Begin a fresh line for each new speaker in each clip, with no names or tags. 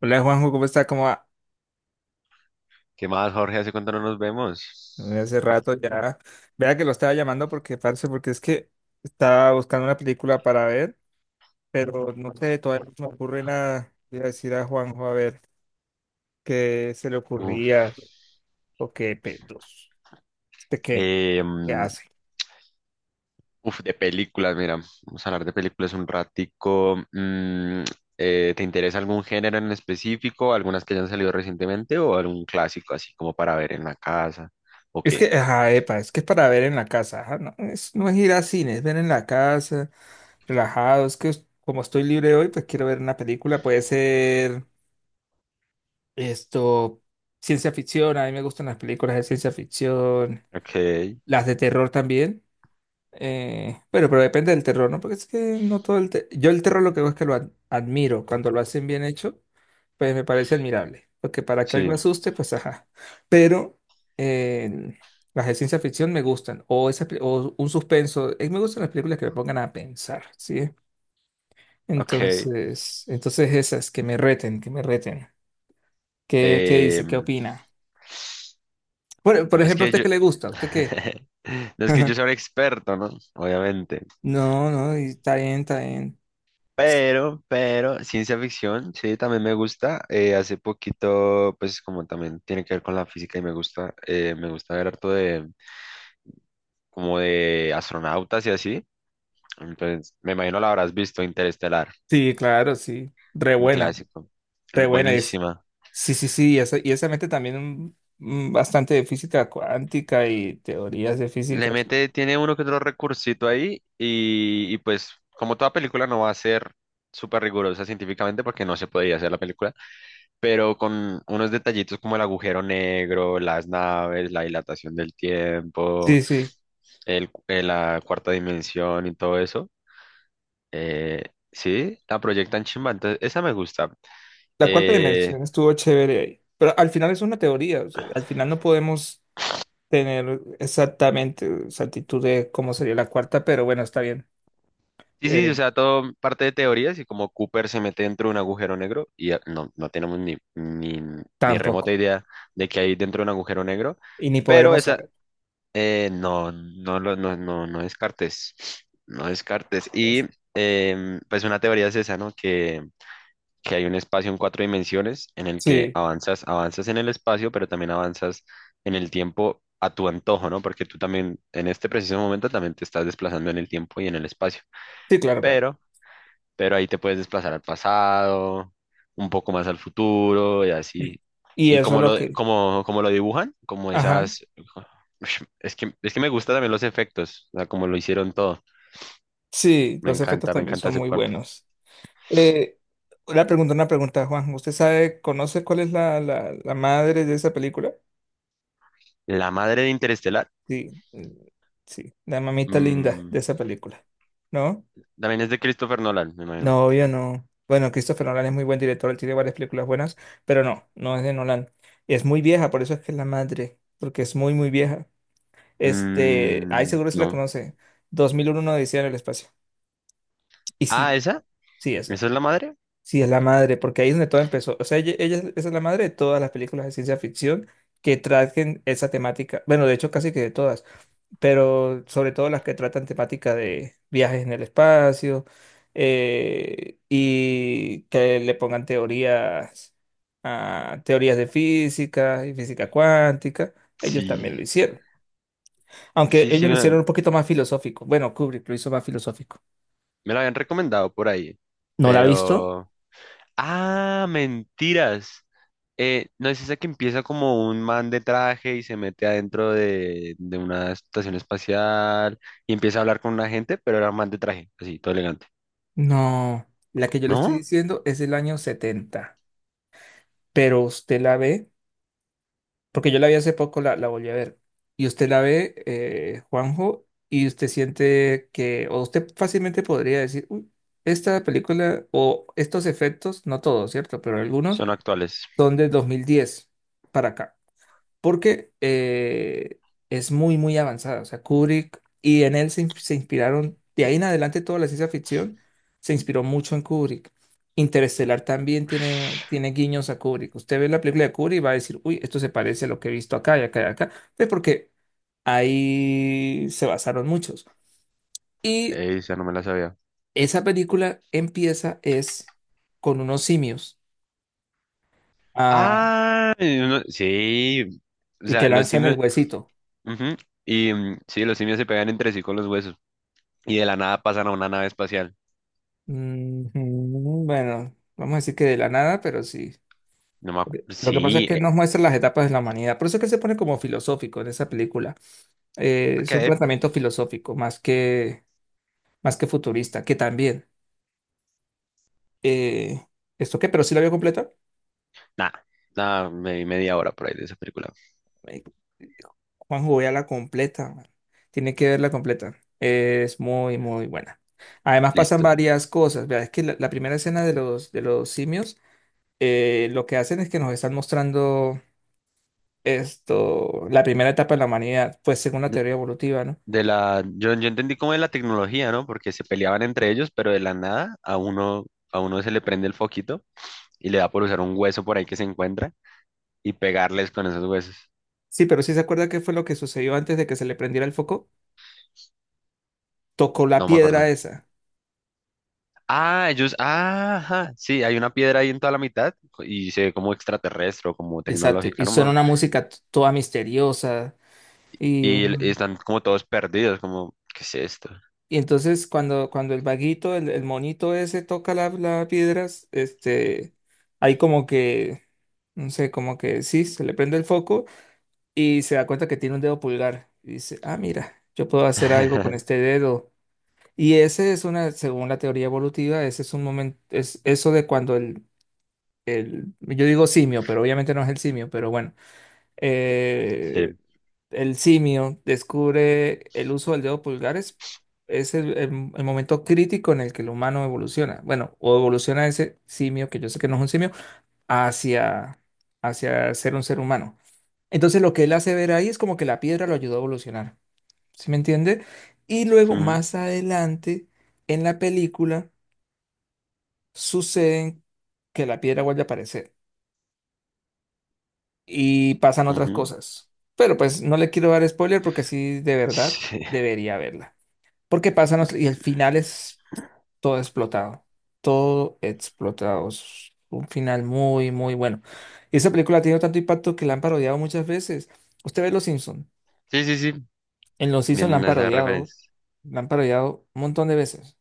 Hola Juanjo, ¿cómo está? ¿Cómo va?
¿Qué más, Jorge? ¿Hace cuánto no nos
Mira, hace
vemos?
rato ya. Vea que lo estaba llamando porque, parce, porque es que estaba buscando una película para ver, pero no sé, todavía no se me ocurre nada. Le iba a decir a Juanjo a ver qué se le
Uf,
ocurría o qué pedos. ¿Este qué?
eh,
¿Qué
mm,
hace?
de películas, mira, vamos a hablar de películas un ratico. ¿Te interesa algún género en específico? ¿Algunas que hayan salido recientemente o algún clásico así como para ver en la casa? ¿O
Es que,
qué?
ajá, epa, es que es para ver en la casa. Ajá, no, no es ir al cine, es ver en la casa, relajado. Es que como estoy libre hoy, pues quiero ver una película. Puede ser. Esto, ciencia ficción, a mí me gustan las películas de ciencia ficción,
Ok,
las de terror también. Pero depende del terror, ¿no? Porque es que no todo el, yo el terror lo que hago es que lo admiro. Cuando lo hacen bien hecho, pues me parece admirable. Porque para que algo
sí,
asuste, pues ajá. Pero eh, las de ciencia ficción me gustan. O un suspenso. Me gustan las películas que me pongan a pensar, ¿sí?
ok.
Entonces esas, que me reten, que me reten. ¿Qué dice? ¿Qué
No
opina? Por
es
ejemplo, ¿a
que
usted qué le gusta? ¿A ¿Usted qué?
no es que yo sea un experto, ¿no? Obviamente.
No, no, y está bien, está bien.
Pero ciencia ficción, sí, también me gusta. Hace poquito, pues como también tiene que ver con la física y me gusta, me gusta ver harto de como de astronautas y así. Entonces, me imagino la habrás visto, Interestelar,
Sí, claro, sí.
un clásico.
Re buena es.
Buenísima.
Sí, sí, sí, y esa mete también un bastante de física cuántica y teorías de
Le
física.
mete, tiene uno que otro recursito ahí y pues como toda película no va a ser súper rigurosa científicamente porque no se podía hacer la película, pero con unos detallitos como el agujero negro, las naves, la dilatación del tiempo,
Sí, sí.
la cuarta dimensión y todo eso. eh, sí, la proyectan chimba, entonces esa me gusta.
La cuarta
Eh,
dimensión estuvo chévere ahí. Pero al final es una teoría, o sea, al final no podemos tener exactamente exactitud de cómo sería la cuarta, pero bueno, está bien.
sí, sí,
Eh,
o sea, todo parte de teorías y como Cooper se mete dentro de un agujero negro y no, no tenemos ni remota
Tampoco.
idea de que hay dentro de un agujero negro.
Y ni
Pero
podremos
esa...
saber.
No, no, no descartes, no descartes.
Pues,
Pues una teoría es esa, ¿no? Que hay un espacio en cuatro dimensiones en el que
sí,
avanzas en el espacio, pero también avanzas en el tiempo a tu antojo, ¿no? Porque tú también en este preciso momento también te estás desplazando en el tiempo y en el espacio.
sí, claro, claro.
Pero pero ahí te puedes desplazar al pasado, un poco más al futuro y así.
Y
Y
eso es
como
lo que...
como lo dibujan, como
Ajá.
esas... Ush, es que me gustan también los efectos, o sea, como lo hicieron todo.
Sí, los efectos
Me
también
encanta
son
ese
muy
cuarto.
buenos. Eh, una pregunta, una pregunta, Juan. ¿Usted sabe, conoce cuál es la, la madre de esa película?
La madre de Interestelar,
Sí, sí, la mamita linda de
mm,
esa película. ¿No?
también es de Christopher Nolan, me imagino.
No, obvio no. Bueno, Christopher Nolan es muy buen director, él tiene varias películas buenas, pero no, no es de Nolan. Es muy vieja, por eso es que es la madre, porque es muy, muy vieja. Este, ahí
Mm,
seguro si la
no.
conoce. 2001 Odisea en el espacio. Y sí,
Ah, ¿esa?
sí,
¿Esa
esa.
es la madre?
Sí, es la madre, porque ahí es donde todo empezó. O sea, ella es esa es la madre de todas las películas de ciencia ficción que traten esa temática. Bueno, de hecho, casi que de todas, pero sobre todo las que tratan temática de viajes en el espacio, y que le pongan teorías de física y física cuántica. Ellos también
Sí,
lo hicieron. Aunque
sí, sí,
ellos lo hicieron un poquito más filosófico. Bueno, Kubrick lo hizo más filosófico.
me la habían recomendado por ahí,
No la ha visto,
pero... Ah, mentiras. No, es esa que empieza como un man de traje y se mete adentro de una estación espacial y empieza a hablar con una gente, pero era un man de traje, así, todo elegante.
no, la que yo le estoy
¿No?
diciendo es del año 70. Pero usted la ve, porque yo la vi hace poco, la volví a ver, y usted la ve, Juanjo, y usted siente que, o usted fácilmente podría decir, "Uy, esta película o estos efectos, no todos, ¿cierto? Pero algunos
Son actuales.
son de 2010 para acá porque es muy, muy avanzada. O sea, Kubrick y en él se inspiraron, de ahí en adelante toda la ciencia ficción se inspiró mucho en Kubrick. Interestelar también tiene, tiene guiños a Kubrick. Usted ve la película de Kubrick y va a decir, uy, esto se parece a lo que he visto acá y acá y acá, pues porque ahí se basaron muchos. Y
Esa no me la sabía.
esa película empieza es con unos simios, ah,
Ah, y sí. O
y que
sea, los
lanzan el
simios.
huesito.
Ujú. Y sí, los simios se pegan entre sí con los huesos. Y de la nada pasan a una nave espacial.
Ujú, bueno, vamos a decir que de la nada, pero sí.
No me acuerdo.
Porque lo que pasa
Sí.
es que nos muestra las etapas de la humanidad. Por eso es que se pone como filosófico en esa película. Es un
Ok.
planteamiento filosófico más que futurista, que también. eh, ¿Esto qué? ¿Pero sí la vio completa?
Nada. Nada, me vi media hora por ahí de esa película.
Eh, Juanjo, vea la completa, man. Tiene que verla completa. Es muy, muy buena. Además pasan
Listo.
varias cosas. Vea, es que la primera escena de los simios, lo que hacen es que nos están mostrando, esto, la primera etapa de la humanidad, pues según la teoría evolutiva, ¿no?
De la... Yo entendí como de la tecnología, ¿no? Porque se peleaban entre ellos, pero de la nada a a uno se le prende el foquito y le da por usar un hueso por ahí que se encuentra y pegarles con esos huesos.
Sí, pero sí se acuerda qué fue lo que sucedió antes de que se le prendiera el foco. Tocó la
No me acuerdo.
piedra esa.
Ah, ajá, sí, hay una piedra ahí en toda la mitad y se ve como extraterrestre o como
Exacto. Y
tecnológica, ¿no,
suena
man?
una música toda misteriosa. Y,
Y el... están como todos perdidos, como, ¿qué es esto?
y entonces cuando el vaguito, el monito ese toca la, la piedra, este, hay como que, no sé, como que sí, se le prende el foco y se da cuenta que tiene un dedo pulgar. Y dice, ah, mira, yo puedo hacer algo con este dedo. Y ese es una, según la teoría evolutiva, ese es un momento, es eso de cuando yo digo simio, pero obviamente no es el simio, pero bueno, eh,
Sí.
el simio descubre el uso del dedo pulgar es el, el momento crítico en el que el humano evoluciona. Bueno, o evoluciona ese simio, que yo sé que no es un simio, hacia, hacia ser un ser humano. Entonces lo que él hace ver ahí es como que la piedra lo ayudó a evolucionar, ¿sí me entiende? Y luego
Mm,
más adelante en la película suceden que la piedra vuelve a aparecer y pasan otras
ujú.
cosas. Pero pues no le quiero dar spoiler porque sí, de verdad,
Sí,
debería verla. Porque y el final es todo explotado. Todo explotado. Es un final muy, muy bueno. Y esa película ha tenido tanto impacto que la han parodiado muchas veces. Usted ve Los Simpson.
sí, sí, sí.
En Los Simpson la
Vienen
han
esas
parodiado.
referencias.
La han parodiado un montón de veces.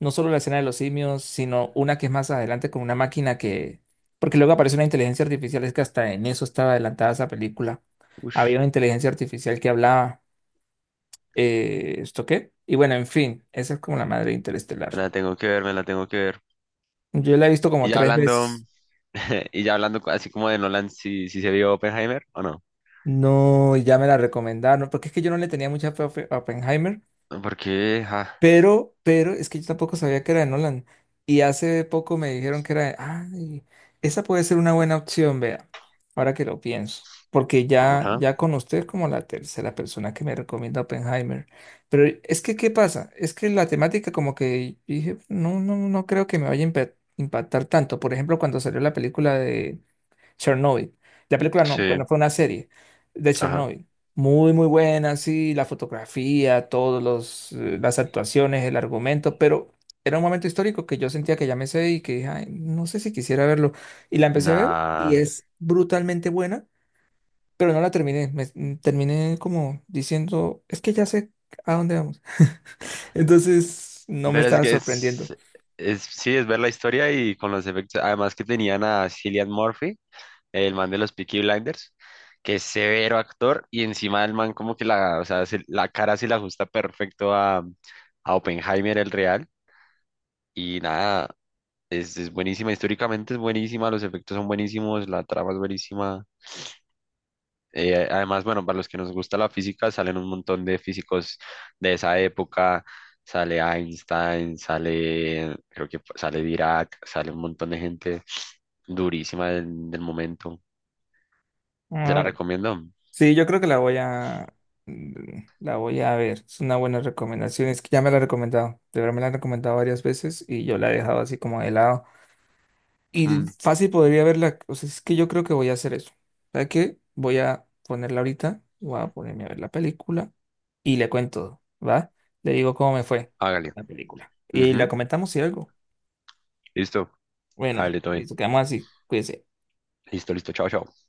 No solo la escena de los simios, sino una que es más adelante con una máquina que, porque luego aparece una inteligencia artificial, es que hasta en eso estaba adelantada esa película. Había
Ush,
una inteligencia artificial que hablaba, ¿esto qué? Y bueno, en fin, esa es como la madre de Interestelar.
me la tengo que ver, me la tengo que ver.
Yo la he visto
Y
como
ya
tres
hablando,
veces.
y ya hablando así como de Nolan, si si se vio Oppenheimer o no.
No, y ya me la recomendaron, porque es que yo no le tenía mucha fe a a Oppenheimer.
No. Porque, ah,
Pero es que yo tampoco sabía que era de Nolan. Y hace poco me dijeron que era de, ay, esa puede ser una buena opción, vea, ahora que lo pienso. Porque ya,
ajá,
ya con usted es como la tercera persona que me recomienda Oppenheimer. Pero es que, ¿qué pasa? Es que la temática como que dije, no, no, no creo que me vaya a impactar tanto. Por ejemplo, cuando salió la película de Chernobyl. La película no,
sí,
bueno, fue una serie de
ajá,
Chernobyl. Muy, muy buena, sí, la fotografía, las actuaciones, el argumento, pero era un momento histórico que yo sentía que ya me sé y que dije, "Ay, no sé si quisiera verlo." Y la empecé a ver y
nada.
es brutalmente buena, pero no la terminé. Terminé como diciendo, es que ya sé a dónde vamos. Entonces, no me
Pero es
estaba
que
sorprendiendo.
es, Sí, es ver la historia y con los efectos. Además que tenían a Cillian Murphy, el man de los Peaky Blinders, que es severo actor y encima el man como que la, o sea, se- la cara se la ajusta perfecto a Oppenheimer, el real. Y nada, es buenísima, históricamente es buenísima, los efectos son buenísimos, la trama es buenísima. Además, bueno, para los que nos gusta la física, salen un montón de físicos de esa época. Sale Einstein, sale, creo que sale Dirac, sale un montón de gente durísima del momento. ¿Se la recomiendo?
Sí, yo creo que la voy a ver. Es una buena recomendación. Es que ya me la han recomendado. De verdad me la han recomendado varias veces y yo la he dejado así como de lado. Y
Mm,
fácil podría verla. O sea, es que yo creo que voy a hacer eso. ¿Sabes qué? Voy a ponerla ahorita. Voy a ponerme a ver la película y le cuento, ¿va? Le digo cómo me fue
hágale.
con la película. Y la
Ujú,
comentamos si algo.
listo.
Bueno,
Hágale, todo bien.
listo, quedamos así. Cuídense.
Listo, listo. Chao, chao.